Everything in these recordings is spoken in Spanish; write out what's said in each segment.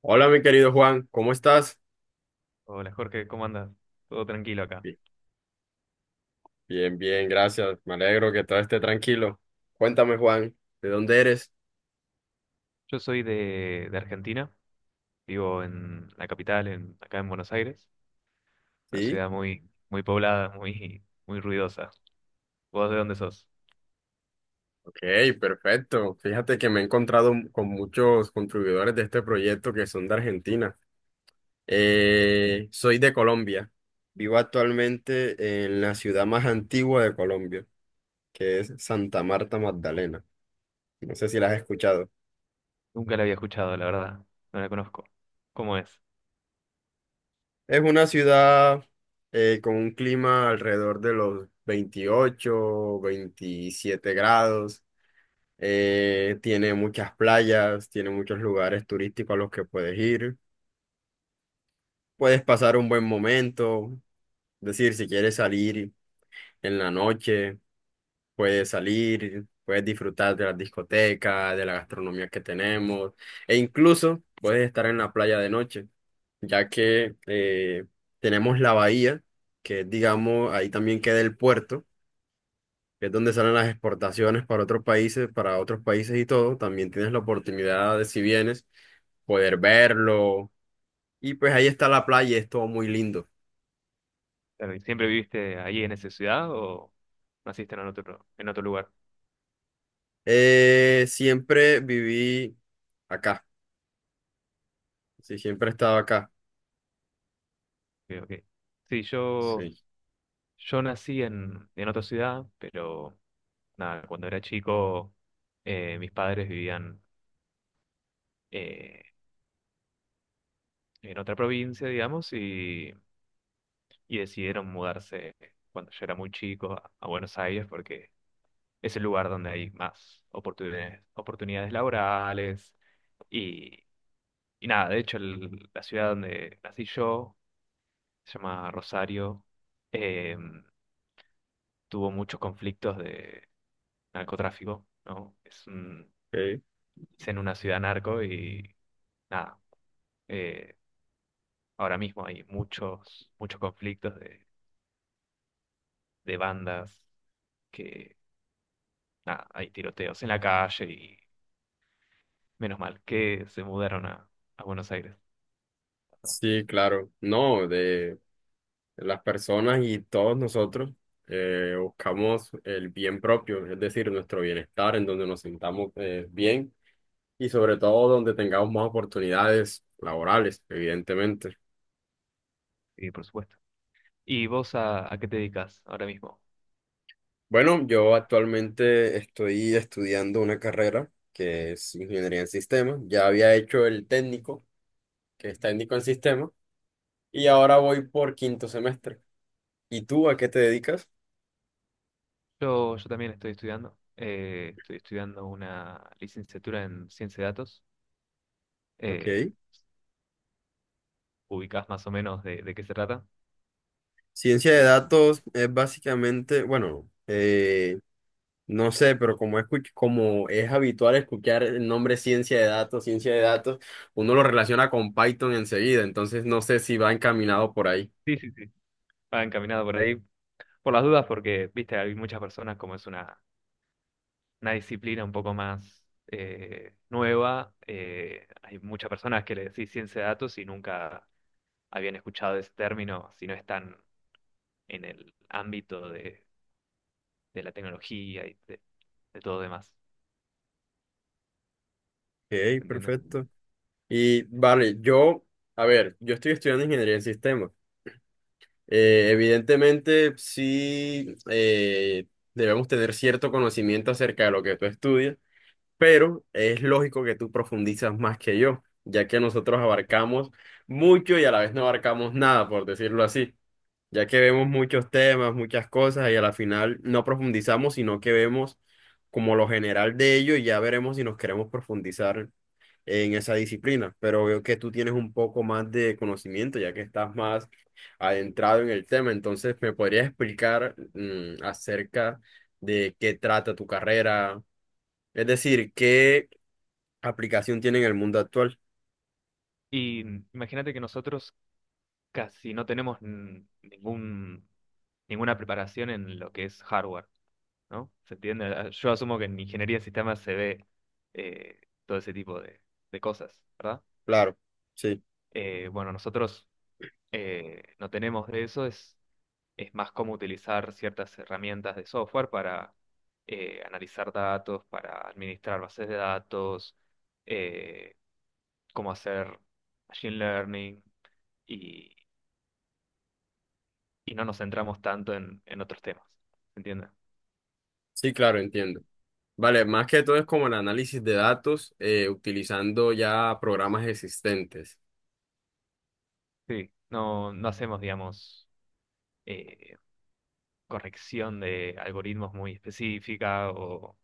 Hola, mi querido Juan, ¿cómo estás? Hola Jorge, ¿cómo andas? Todo tranquilo acá. Bi- Bien, bien, gracias. Me alegro que todo esté tranquilo. Cuéntame, Juan, ¿de dónde eres? Yo soy de Argentina, vivo en la capital, acá en Buenos Aires, una Sí. ciudad muy, muy poblada, muy, muy ruidosa. ¿Vos de dónde sos? Ok, perfecto. Fíjate que me he encontrado con muchos contribuidores de este proyecto que son de Argentina. Soy de Colombia. Vivo actualmente en la ciudad más antigua de Colombia, que es Santa Marta Magdalena. No sé si la has escuchado. Nunca la había escuchado, la verdad, no la conozco. ¿Cómo es? Es una ciudad con un clima alrededor de los 28 27 grados. Tiene muchas playas, tiene muchos lugares turísticos a los que puedes ir. Puedes pasar un buen momento. Es decir, si quieres salir en la noche, puedes salir, puedes disfrutar de las discotecas, de la gastronomía que tenemos, e incluso puedes estar en la playa de noche. Ya que tenemos la bahía, que es, digamos, ahí también queda el puerto, que es donde salen las exportaciones para otros países y todo. También tienes la oportunidad de, si vienes, poder verlo. Y pues ahí está la playa, es todo muy lindo. Claro, ¿siempre viviste ahí en esa ciudad o naciste en otro lugar? Siempre viví acá, sí, siempre he estado acá, Ok, ok. Sí, sí. yo nací en otra ciudad, pero nada, cuando era chico mis padres vivían, eh, en otra provincia, digamos, y decidieron mudarse cuando yo era muy chico a Buenos Aires porque es el lugar donde hay más oportunidades, oportunidades laborales y, y nada, de hecho la ciudad donde nací yo se llama Rosario. eh, Tuvo muchos conflictos de narcotráfico, ¿no? Ok. Es en una ciudad narco y nada, eh, ahora mismo hay muchos, muchos conflictos de bandas que nada, hay tiroteos en la calle y menos mal que se mudaron a Buenos Aires. Sí, claro, no, las personas y todos nosotros buscamos el bien propio, es decir, nuestro bienestar, en donde nos sintamos bien y sobre todo donde tengamos más oportunidades laborales, evidentemente. Y por supuesto. ¿Y vos a qué te dedicas ahora mismo? Bueno, yo actualmente estoy estudiando una carrera que es ingeniería en sistemas. Ya había hecho el técnico, que es técnico en sistemas, y ahora voy por quinto semestre. ¿Y tú a qué te dedicas? Yo también estoy estudiando. Estoy estudiando una licenciatura en ciencia de datos. Eh, Ok. Ubicás más o menos de qué se trata. Ciencia de Eh, datos es básicamente, bueno, no sé, pero como es, como es habitual escuchar el nombre ciencia de datos, uno lo relaciona con Python enseguida, entonces no sé si va encaminado por ahí. sí, sí, sí. Va encaminado por ahí. Por las dudas, porque, viste, hay muchas personas como es una disciplina un poco más nueva. Hay muchas personas que le decís ciencia de datos y nunca habían escuchado ese término si no están en el ámbito de la tecnología de todo demás. ¿Se Ok, entiende? perfecto. Y vale, yo, a ver, yo estoy estudiando ingeniería en sistemas. Evidentemente, sí, debemos tener cierto conocimiento acerca de lo que tú estudias, pero es lógico que tú profundizas más que yo, ya que nosotros abarcamos mucho y a la vez no abarcamos nada, por decirlo así. Ya que vemos muchos temas, muchas cosas y a la final no profundizamos, sino que vemos como lo general de ello y ya veremos si nos queremos profundizar en esa disciplina. Pero veo que tú tienes un poco más de conocimiento, ya que estás más adentrado en el tema. Entonces, ¿me podrías explicar, acerca de qué trata tu carrera? Es decir, ¿qué aplicación tiene en el mundo actual? Y imagínate que nosotros casi no tenemos ninguna preparación en lo que es hardware, ¿no? ¿Se entiende? Ah, yo asumo que en ingeniería de sistemas se ve eh, todo ese tipo de cosas, ¿verdad? Claro, sí, Bueno, nosotros no tenemos de eso, es más cómo utilizar ciertas herramientas de software para analizar datos, para administrar bases de datos. eh, ¿Cómo hacer machine learning y, y no nos centramos tanto en otros temas? ¿Se entiende? sí, claro, entiendo. Vale, más que todo es como el análisis de datos, utilizando ya programas existentes. Sí, no, no hacemos, digamos, eh, corrección de algoritmos muy específica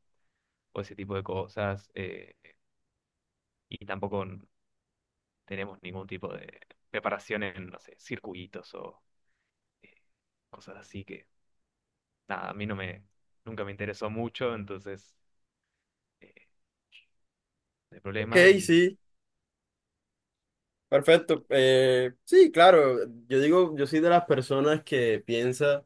o ese tipo de cosas. Y tampoco tenemos ningún tipo de preparación en, no sé, circuitos o, eh, cosas así que nada, a mí no me, nunca me interesó mucho. Entonces, eh, no hay Ok, problema. Y sí, perfecto. Sí, claro, yo digo, yo soy de las personas que piensa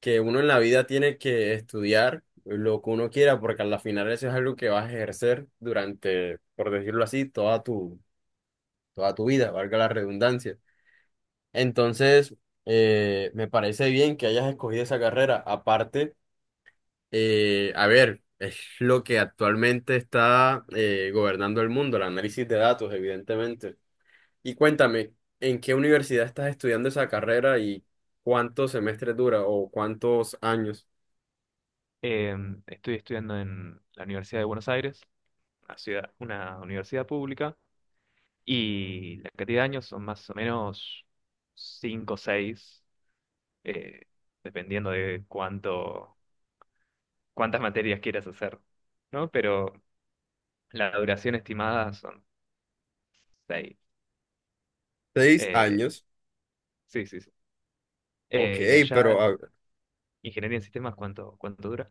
que uno en la vida tiene que estudiar lo que uno quiera, porque al final eso es algo que vas a ejercer durante, por decirlo así, toda tu vida, valga la redundancia. Entonces, me parece bien que hayas escogido esa carrera. Aparte, a ver, es lo que actualmente está gobernando el mundo, el análisis de datos, evidentemente. Y cuéntame, ¿en qué universidad estás estudiando esa carrera y cuántos semestres dura o cuántos años? eh, estoy estudiando en la Universidad de Buenos Aires, una universidad pública, y la cantidad de años son más o menos cinco o seis, eh, dependiendo de cuántas materias quieras hacer, ¿no? Pero la duración estimada son seis. Seis Eh, años. sí, sí, sí. Ok, Y pero allá, ingeniería en sistemas, ¿cuánto dura?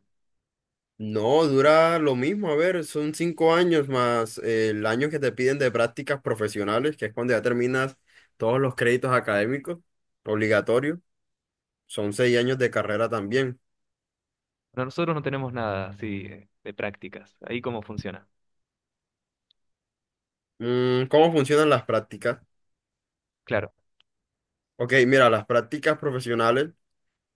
no dura lo mismo. A ver, son 5 años más el año que te piden de prácticas profesionales, que es cuando ya terminas todos los créditos académicos obligatorios. Son 6 años de carrera también. Bueno, nosotros no tenemos nada así, de prácticas. Ahí cómo funciona. Mm, ¿cómo funcionan las prácticas? Claro. Ok, mira, las prácticas profesionales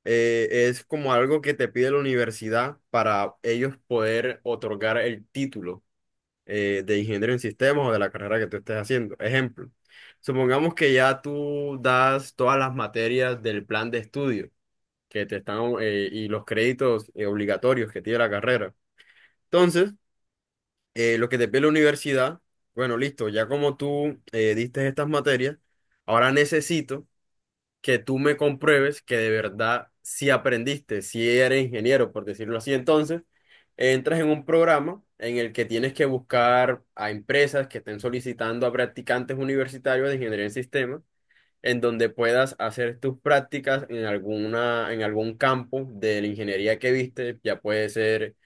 es como algo que te pide la universidad para ellos poder otorgar el título de ingeniero en sistemas o de la carrera que tú estés haciendo. Ejemplo, supongamos que ya tú das todas las materias del plan de estudio que te están, y los créditos obligatorios que tiene la carrera. Entonces, lo que te pide la universidad, bueno, listo, ya como tú, diste estas materias, ahora necesito que tú me compruebes que de verdad si aprendiste, si eres ingeniero, por decirlo así, entonces entras en un programa en el que tienes que buscar a empresas que estén solicitando a practicantes universitarios de ingeniería en sistemas, en donde puedas hacer tus prácticas en alguna, en algún campo de la ingeniería que viste, ya puede ser,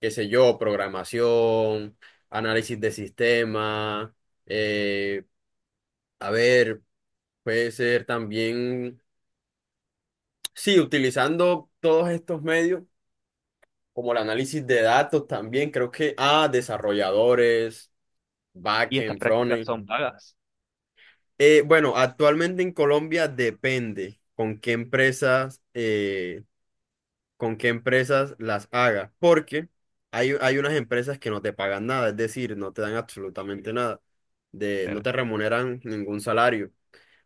qué sé yo, programación, análisis de sistemas, eh, a ver. Puede ser también sí, utilizando todos estos medios, como el análisis de datos también, creo que a desarrolladores, ¿Y estas backend, prácticas frontend. son pagas? Bueno, actualmente en Colombia depende con qué empresas las hagas, porque hay unas empresas que no te pagan nada, es decir, no te dan absolutamente nada, no Claro, te remuneran ningún salario.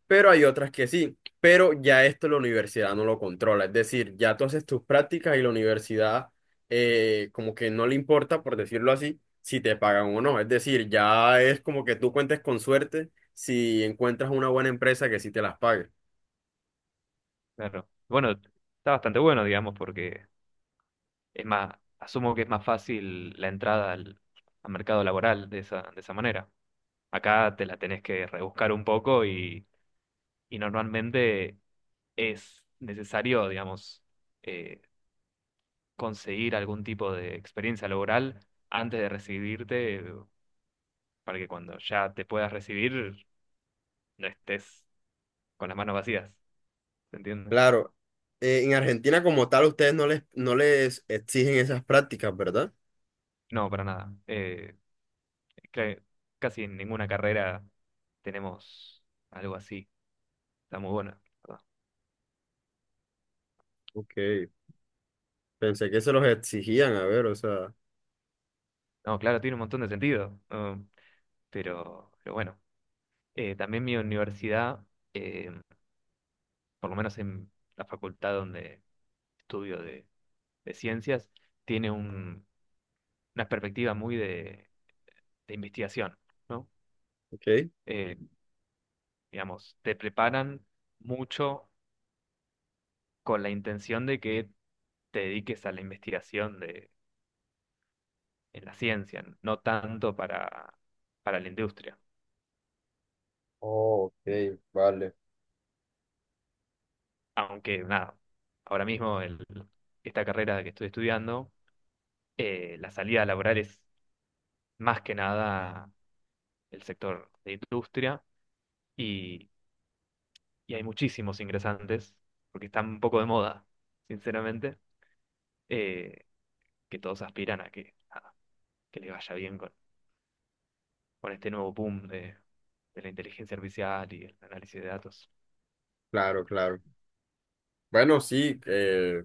Pero hay otras que sí. Pero ya esto la universidad no lo controla. Es decir, ya tú haces tus prácticas y la universidad, como que no le importa, por decirlo así, si te pagan o no. Es decir, ya es como que tú cuentes con suerte si encuentras una buena empresa que sí te las pague. claro. Bueno, está bastante bueno, digamos, porque es más, asumo que es más fácil la entrada al mercado laboral de de esa manera. Acá te la tenés que rebuscar un poco y normalmente es necesario, digamos, eh, conseguir algún tipo de experiencia laboral antes de recibirte, para que cuando ya te puedas recibir no estés con las manos vacías, ¿se entiende? Claro, en Argentina como tal ustedes no les exigen esas prácticas, ¿verdad? No, para nada. Cre- Casi en ninguna carrera tenemos algo así. Está muy bueno, la verdad. Ok, pensé que se los exigían, a ver, o sea, No, claro, tiene un montón de sentido, ¿no? Pero bueno. También mi universidad, eh, por lo menos en la facultad donde estudio de ciencias, tiene una perspectiva muy de investigación, ¿no? ok. Eh, digamos, te preparan mucho con la intención de que te dediques a la investigación de en la ciencia, no tanto para la industria. Oh, ok, vale. Aunque nada, ahora mismo esta carrera que estoy estudiando, la salida laboral es más que nada el sector de industria y, y hay muchísimos ingresantes, porque están un poco de moda, sinceramente. eh, que todos aspiran a que, nada, que les vaya bien con este nuevo boom de la inteligencia artificial y el análisis de datos. Claro, claro. Bueno, sí,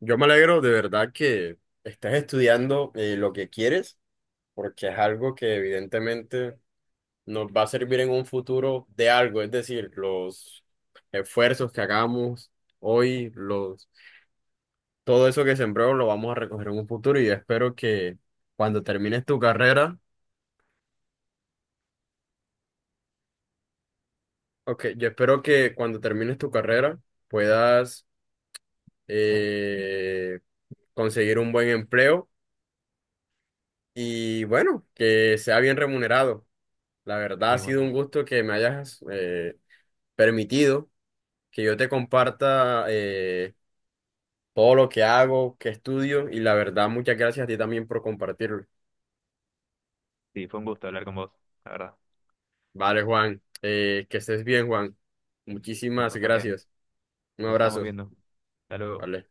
yo me alegro de verdad que estés estudiando, lo que quieres, porque es algo que evidentemente nos va a servir en un futuro de algo, es decir, los esfuerzos que hagamos hoy, todo eso que sembró lo vamos a recoger en un futuro y yo espero que cuando termines tu carrera, ok, yo espero que cuando termines tu carrera puedas eh, conseguir un buen empleo y bueno, que sea bien remunerado. La verdad ha Y bueno, sido un gusto que me hayas permitido que yo te comparta todo lo que hago, que estudio y la verdad muchas gracias a ti también por compartirlo. sí, fue un gusto hablar con vos, la verdad. Vale, Juan, que estés bien, Juan. Con Muchísimas vos también. gracias. Un Nos estamos abrazo. viendo. Hasta luego. Vale.